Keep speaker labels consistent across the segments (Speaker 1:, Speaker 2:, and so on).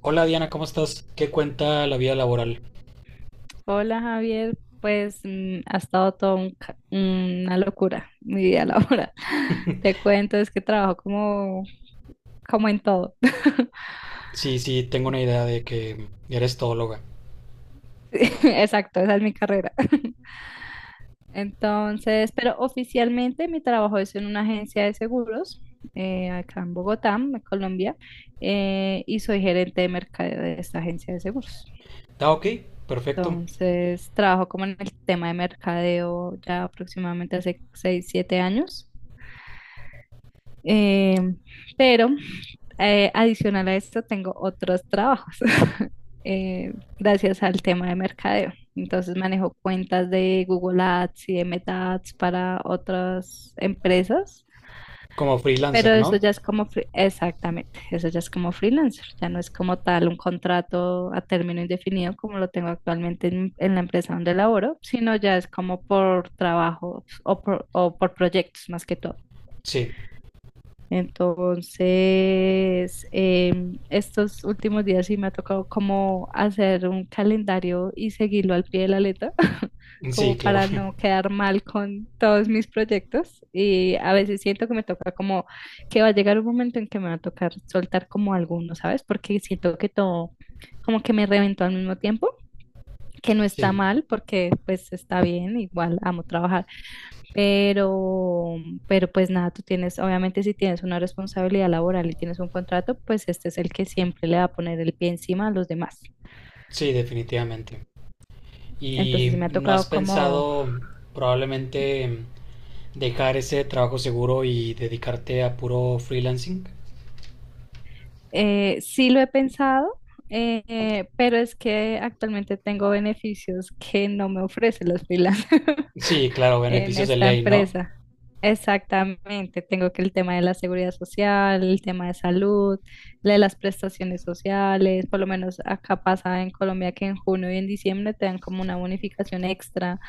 Speaker 1: Hola Diana, ¿cómo estás? ¿Qué cuenta la vida laboral?
Speaker 2: Hola Javier, pues ha estado todo una locura mi vida laboral. Te cuento, es que trabajo como en todo.
Speaker 1: Sí, sí, tengo una idea de que eres todóloga.
Speaker 2: Sí, exacto, esa es mi carrera. Entonces, pero oficialmente mi trabajo es en una agencia de seguros acá en Bogotá, en Colombia, y soy gerente de mercadeo de esta agencia de seguros.
Speaker 1: Ah, ok, perfecto.
Speaker 2: Entonces, trabajo como en el tema de mercadeo ya aproximadamente hace 6, 7 años. Eh, pero adicional a esto tengo otros trabajos eh, gracias al tema de mercadeo. Entonces manejo cuentas de Google Ads y de Meta Ads para otras empresas,
Speaker 1: Como
Speaker 2: pero
Speaker 1: freelancer,
Speaker 2: eso
Speaker 1: ¿no?
Speaker 2: ya es como, exactamente, eso ya es como freelancer, ya no es como tal un contrato a término indefinido como lo tengo actualmente en la empresa donde laboro, sino ya es como por trabajo o por proyectos más que todo.
Speaker 1: Sí,
Speaker 2: Entonces, estos últimos días sí me ha tocado como hacer un calendario y seguirlo al pie de la letra,
Speaker 1: sí,
Speaker 2: como
Speaker 1: claro.
Speaker 2: para no quedar mal con todos mis proyectos. Y a veces siento que me toca como que va a llegar un momento en que me va a tocar soltar como alguno, ¿sabes? Porque siento que todo como que me reventó al mismo tiempo, que no está
Speaker 1: Sí,
Speaker 2: mal porque pues está bien, igual amo trabajar pero, pero pues nada, tú tienes, obviamente si tienes una responsabilidad laboral y tienes un contrato, pues este es el que siempre le va a poner el pie encima a los demás.
Speaker 1: sí, definitivamente.
Speaker 2: Entonces sí
Speaker 1: ¿Y
Speaker 2: me ha
Speaker 1: no has
Speaker 2: tocado como,
Speaker 1: pensado probablemente dejar ese trabajo seguro y dedicarte a puro freelancing?
Speaker 2: sí lo he pensado, pero es que actualmente tengo beneficios que no me ofrecen los freelancers.
Speaker 1: Sí, claro,
Speaker 2: En
Speaker 1: beneficios de
Speaker 2: esta
Speaker 1: ley, ¿no?
Speaker 2: empresa. Exactamente, tengo que el tema de la seguridad social, el tema de salud, la de las prestaciones sociales, por lo menos acá pasa en Colombia que en junio y en diciembre te dan como una bonificación extra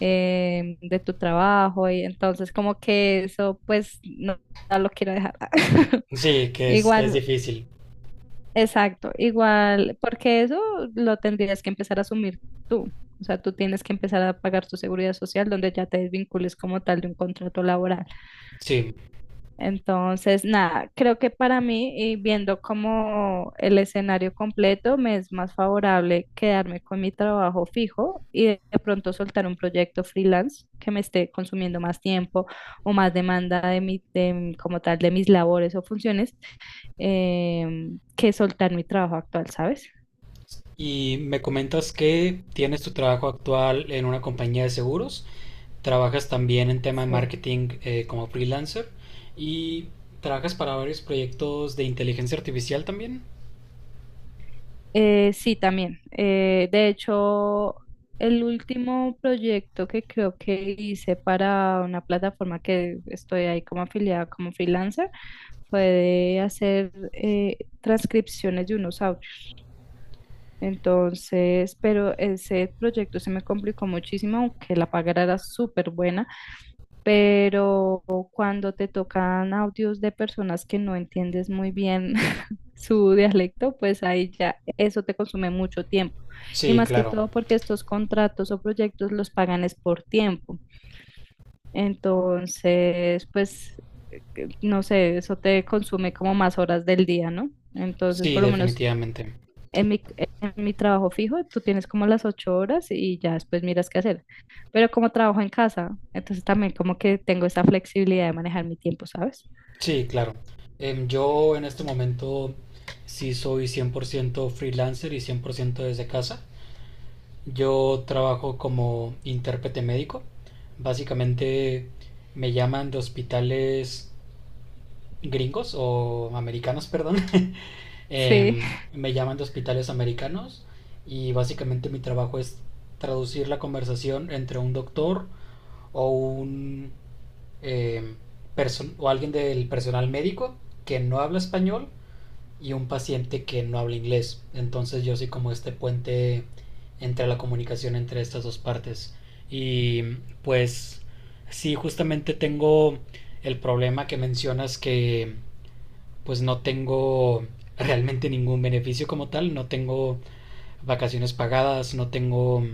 Speaker 2: de tu trabajo, y entonces como que eso pues no, no lo quiero dejar.
Speaker 1: Sí, que es
Speaker 2: Igual,
Speaker 1: difícil.
Speaker 2: exacto, igual, porque eso lo tendrías que empezar a asumir tú. O sea, tú tienes que empezar a pagar tu seguridad social donde ya te desvincules como tal de un contrato laboral.
Speaker 1: Sí,
Speaker 2: Entonces, nada, creo que para mí, y viendo como el escenario completo, me es más favorable quedarme con mi trabajo fijo y de pronto soltar un proyecto freelance que me esté consumiendo más tiempo o más demanda de mi, como tal de mis labores o funciones, que soltar mi trabajo actual, ¿sabes?
Speaker 1: y me comentas que tienes tu trabajo actual en una compañía de seguros, trabajas también en tema de
Speaker 2: Sí.
Speaker 1: marketing como freelancer y trabajas para varios proyectos de inteligencia artificial también.
Speaker 2: Sí, también. De hecho, el último proyecto que creo que hice para una plataforma que estoy ahí como afiliada, como freelancer, fue de hacer transcripciones de unos audios. Entonces, pero ese proyecto se me complicó muchísimo, aunque la paga era súper buena, pero cuando te tocan audios de personas que no entiendes muy bien su dialecto, pues ahí ya eso te consume mucho tiempo. Y
Speaker 1: Sí,
Speaker 2: más que
Speaker 1: claro.
Speaker 2: todo porque estos contratos o proyectos los pagan es por tiempo. Entonces, pues, no sé, eso te consume como más horas del día, ¿no? Entonces,
Speaker 1: Sí,
Speaker 2: por lo menos
Speaker 1: definitivamente.
Speaker 2: en mi, en mi trabajo fijo, tú tienes como las 8 horas y ya después miras qué hacer. Pero como trabajo en casa, entonces también como que tengo esa flexibilidad de manejar mi tiempo, ¿sabes?
Speaker 1: Sí, claro. Yo en este momento sí soy 100% freelancer y 100% desde casa. Yo trabajo como intérprete médico. Básicamente me llaman de hospitales gringos o americanos, perdón.
Speaker 2: Sí.
Speaker 1: Me llaman de hospitales americanos y básicamente mi trabajo es traducir la conversación entre un doctor o un em, o alguien del personal médico que no habla español y un paciente que no habla inglés. Entonces yo soy como este puente entre la comunicación entre estas dos partes. Y pues sí, justamente tengo el problema que mencionas que pues no tengo realmente ningún beneficio como tal, no tengo vacaciones pagadas, no tengo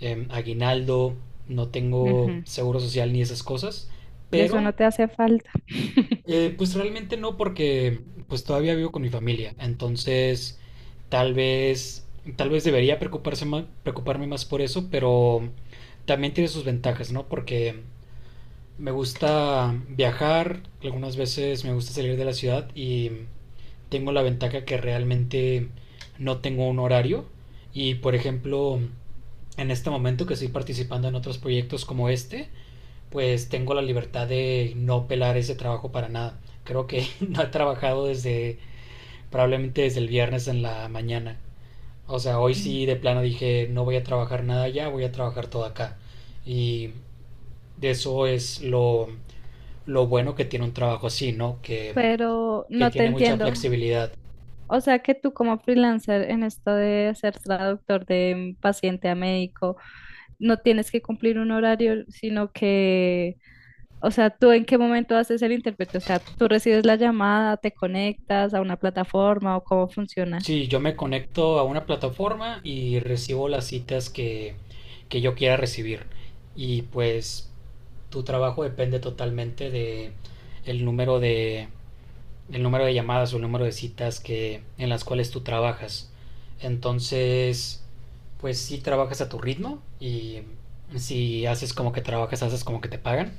Speaker 1: aguinaldo, no tengo
Speaker 2: Ujú.
Speaker 1: seguro social ni esas cosas,
Speaker 2: Y eso
Speaker 1: pero
Speaker 2: no te hace falta.
Speaker 1: pues realmente no porque pues todavía vivo con mi familia, entonces tal vez tal vez debería preocuparme más por eso, pero también tiene sus ventajas, ¿no? Porque me gusta viajar, algunas veces me gusta salir de la ciudad y tengo la ventaja que realmente no tengo un horario y, por ejemplo, en este momento que estoy participando en otros proyectos como este, pues tengo la libertad de no pelar ese trabajo para nada. Creo que no he trabajado desde probablemente desde el viernes en la mañana. O sea, hoy sí de plano dije no voy a trabajar nada allá, voy a trabajar todo acá. Y de eso es lo bueno que tiene un trabajo así, no, que
Speaker 2: Pero
Speaker 1: que
Speaker 2: no te
Speaker 1: tiene mucha
Speaker 2: entiendo.
Speaker 1: flexibilidad.
Speaker 2: O sea que tú como freelancer en esto de ser traductor de paciente a médico, no tienes que cumplir un horario, sino que, o sea, tú en qué momento haces el intérprete, o sea, tú recibes la llamada, te conectas a una plataforma o cómo funciona.
Speaker 1: Sí, yo me conecto a una plataforma y recibo las citas que yo quiera recibir. Y pues tu trabajo depende totalmente de el número de llamadas o el número de citas que en las cuales tú trabajas. Entonces, pues sí trabajas a tu ritmo y si haces como que trabajas, haces como que te pagan.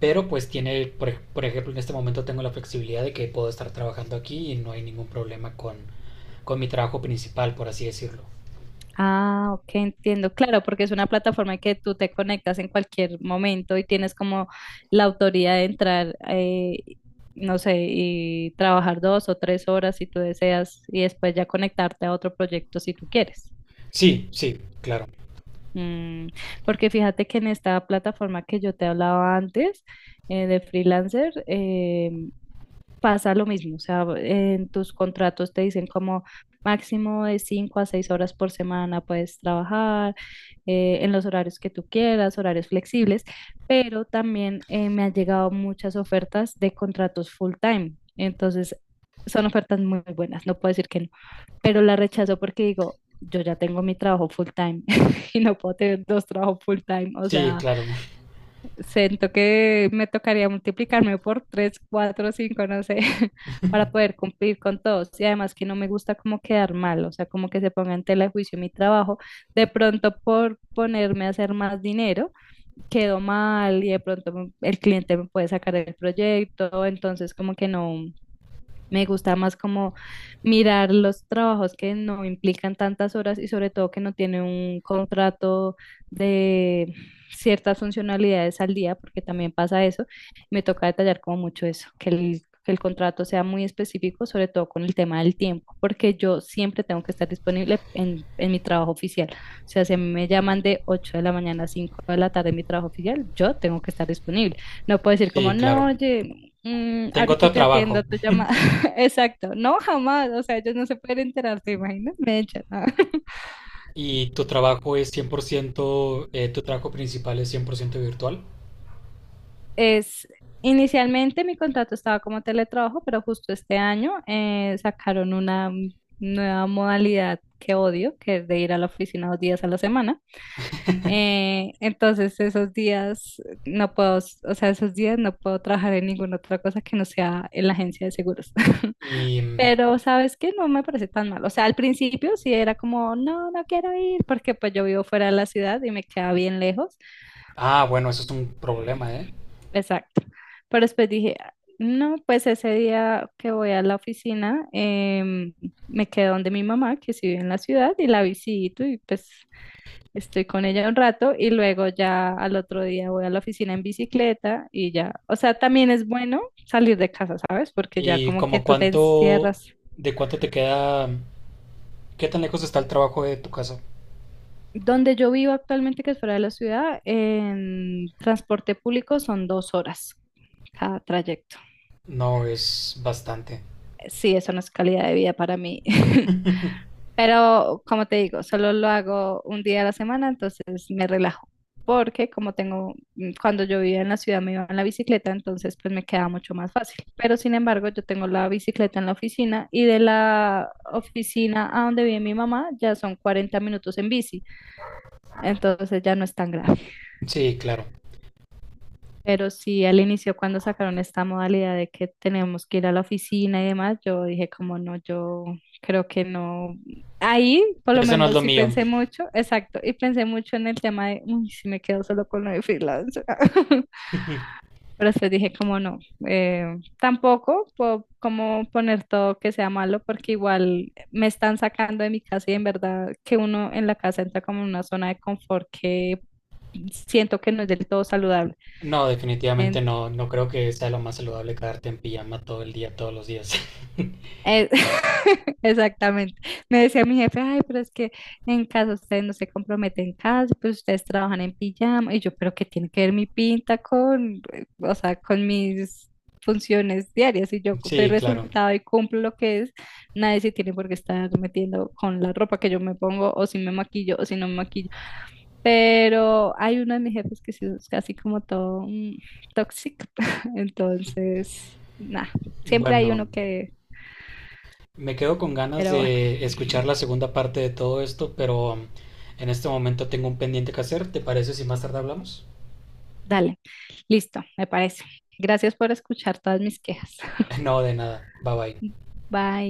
Speaker 1: Pero pues tiene, por ejemplo, en este momento tengo la flexibilidad de que puedo estar trabajando aquí y no hay ningún problema con mi trabajo principal, por así decirlo.
Speaker 2: Ah, ok, entiendo. Claro, porque es una plataforma que tú te conectas en cualquier momento y tienes como la autoridad de entrar, no sé, y trabajar 2 o 3 horas si tú deseas y después ya conectarte a otro proyecto si tú quieres.
Speaker 1: Sí, sí, claro.
Speaker 2: Mm, porque fíjate que en esta plataforma que yo te hablaba antes, de freelancer, pasa lo mismo. O sea, en tus contratos te dicen como máximo de 5 a 6 horas por semana puedes trabajar en los horarios que tú quieras, horarios flexibles, pero también me han llegado muchas ofertas de contratos full time. Entonces, son ofertas muy buenas, no puedo decir que no, pero la rechazo porque digo, yo ya tengo mi trabajo full time y no puedo tener dos trabajos full time, o
Speaker 1: Sí,
Speaker 2: sea...
Speaker 1: claro.
Speaker 2: Siento que me tocaría multiplicarme por tres, cuatro, cinco, no sé, para poder cumplir con todos. Y además que no me gusta como quedar mal, o sea, como que se ponga en tela de juicio mi trabajo. De pronto por ponerme a hacer más dinero, quedo mal y de pronto el cliente me puede sacar del proyecto. Entonces como que no, me gusta más como mirar los trabajos que no implican tantas horas y sobre todo que no tienen un contrato de ciertas funcionalidades al día, porque también pasa eso. Me toca detallar como mucho eso, que el contrato sea muy específico, sobre todo con el tema del tiempo, porque yo siempre tengo que estar disponible en mi trabajo oficial. O sea, si a mí me llaman de 8 de la mañana a 5 de la tarde en mi trabajo oficial, yo tengo que estar disponible. No puedo decir como,
Speaker 1: Sí,
Speaker 2: no,
Speaker 1: claro.
Speaker 2: oye,
Speaker 1: Tengo
Speaker 2: ahorita
Speaker 1: otro
Speaker 2: te atiendo,
Speaker 1: trabajo
Speaker 2: te llama. Exacto, no jamás, o sea, ellos no se pueden enterar, ¿te imaginas? Me echan, ¿no?
Speaker 1: y tu trabajo es 100%, tu trabajo principal es 100% virtual.
Speaker 2: Es, inicialmente mi contrato estaba como teletrabajo, pero justo este año sacaron una nueva modalidad que odio, que es de ir a la oficina 2 días a la semana. Entonces esos días no puedo, o sea, esos días no puedo trabajar en ninguna otra cosa que no sea en la agencia de seguros.
Speaker 1: Y,
Speaker 2: Pero, ¿sabes? Que no me parece tan mal. O sea, al principio sí era como, no, no quiero ir, porque pues yo vivo fuera de la ciudad y me queda bien lejos.
Speaker 1: ah, bueno, eso es un problema, ¿eh?
Speaker 2: Exacto. Pero después dije: "Ah, no, pues ese día que voy a la oficina, me quedo donde mi mamá, que sí vive en la ciudad, y la visito y pues estoy con ella un rato y luego ya al otro día voy a la oficina en bicicleta y ya". O sea, también es bueno salir de casa, ¿sabes? Porque ya
Speaker 1: Y
Speaker 2: como que
Speaker 1: como
Speaker 2: tú te
Speaker 1: cuánto,
Speaker 2: encierras.
Speaker 1: de cuánto te queda, qué tan lejos está el trabajo de tu casa.
Speaker 2: Donde yo vivo actualmente, que es fuera de la ciudad, en transporte público son 2 horas cada trayecto.
Speaker 1: No, es bastante.
Speaker 2: Sí, eso no es calidad de vida para mí. Pero como te digo, solo lo hago un día a la semana, entonces me relajo. Porque como tengo, cuando yo vivía en la ciudad me iba en la bicicleta, entonces pues me queda mucho más fácil. Pero sin embargo, yo tengo la bicicleta en la oficina y de la oficina a donde vive mi mamá ya son 40 minutos en bici, entonces ya no es tan grave.
Speaker 1: Sí, claro.
Speaker 2: Pero sí, al inicio cuando sacaron esta modalidad de que tenemos que ir a la oficina y demás, yo dije como no, yo creo que no. Ahí por lo
Speaker 1: Eso no es
Speaker 2: menos
Speaker 1: lo
Speaker 2: sí
Speaker 1: mío.
Speaker 2: pensé mucho, exacto, y pensé mucho en el tema de, uy, si me quedo solo con lo de freelance. Pero después dije como no, eh, tampoco puedo como poner todo que sea malo porque igual me están sacando de mi casa y en verdad que uno en la casa entra como en una zona de confort que siento que no es del todo saludable.
Speaker 1: No, definitivamente no. No creo que sea lo más saludable quedarte en pijama todo el día, todos los días.
Speaker 2: Eh, Exactamente. Me decía mi jefe, ay, pero es que en casa ustedes no se comprometen, en casa pues ustedes trabajan en pijama. Y yo, pero ¿qué tiene que ver mi pinta con, o sea, con mis funciones diarias? Y yo doy
Speaker 1: Sí, claro.
Speaker 2: resultado y cumplo lo que es, nadie se tiene por qué estar metiendo con la ropa que yo me pongo, o si me maquillo, o si no me maquillo. Pero hay uno de mis jefes que sí es casi como todo tóxico. Entonces, nada, siempre hay
Speaker 1: Bueno,
Speaker 2: uno que,
Speaker 1: me quedo con ganas
Speaker 2: pero bueno.
Speaker 1: de escuchar la segunda parte de todo esto, pero en este momento tengo un pendiente que hacer. ¿Te parece si más tarde hablamos?
Speaker 2: Dale, listo, me parece. Gracias por escuchar todas mis quejas.
Speaker 1: No, de nada. Bye bye.
Speaker 2: Bye.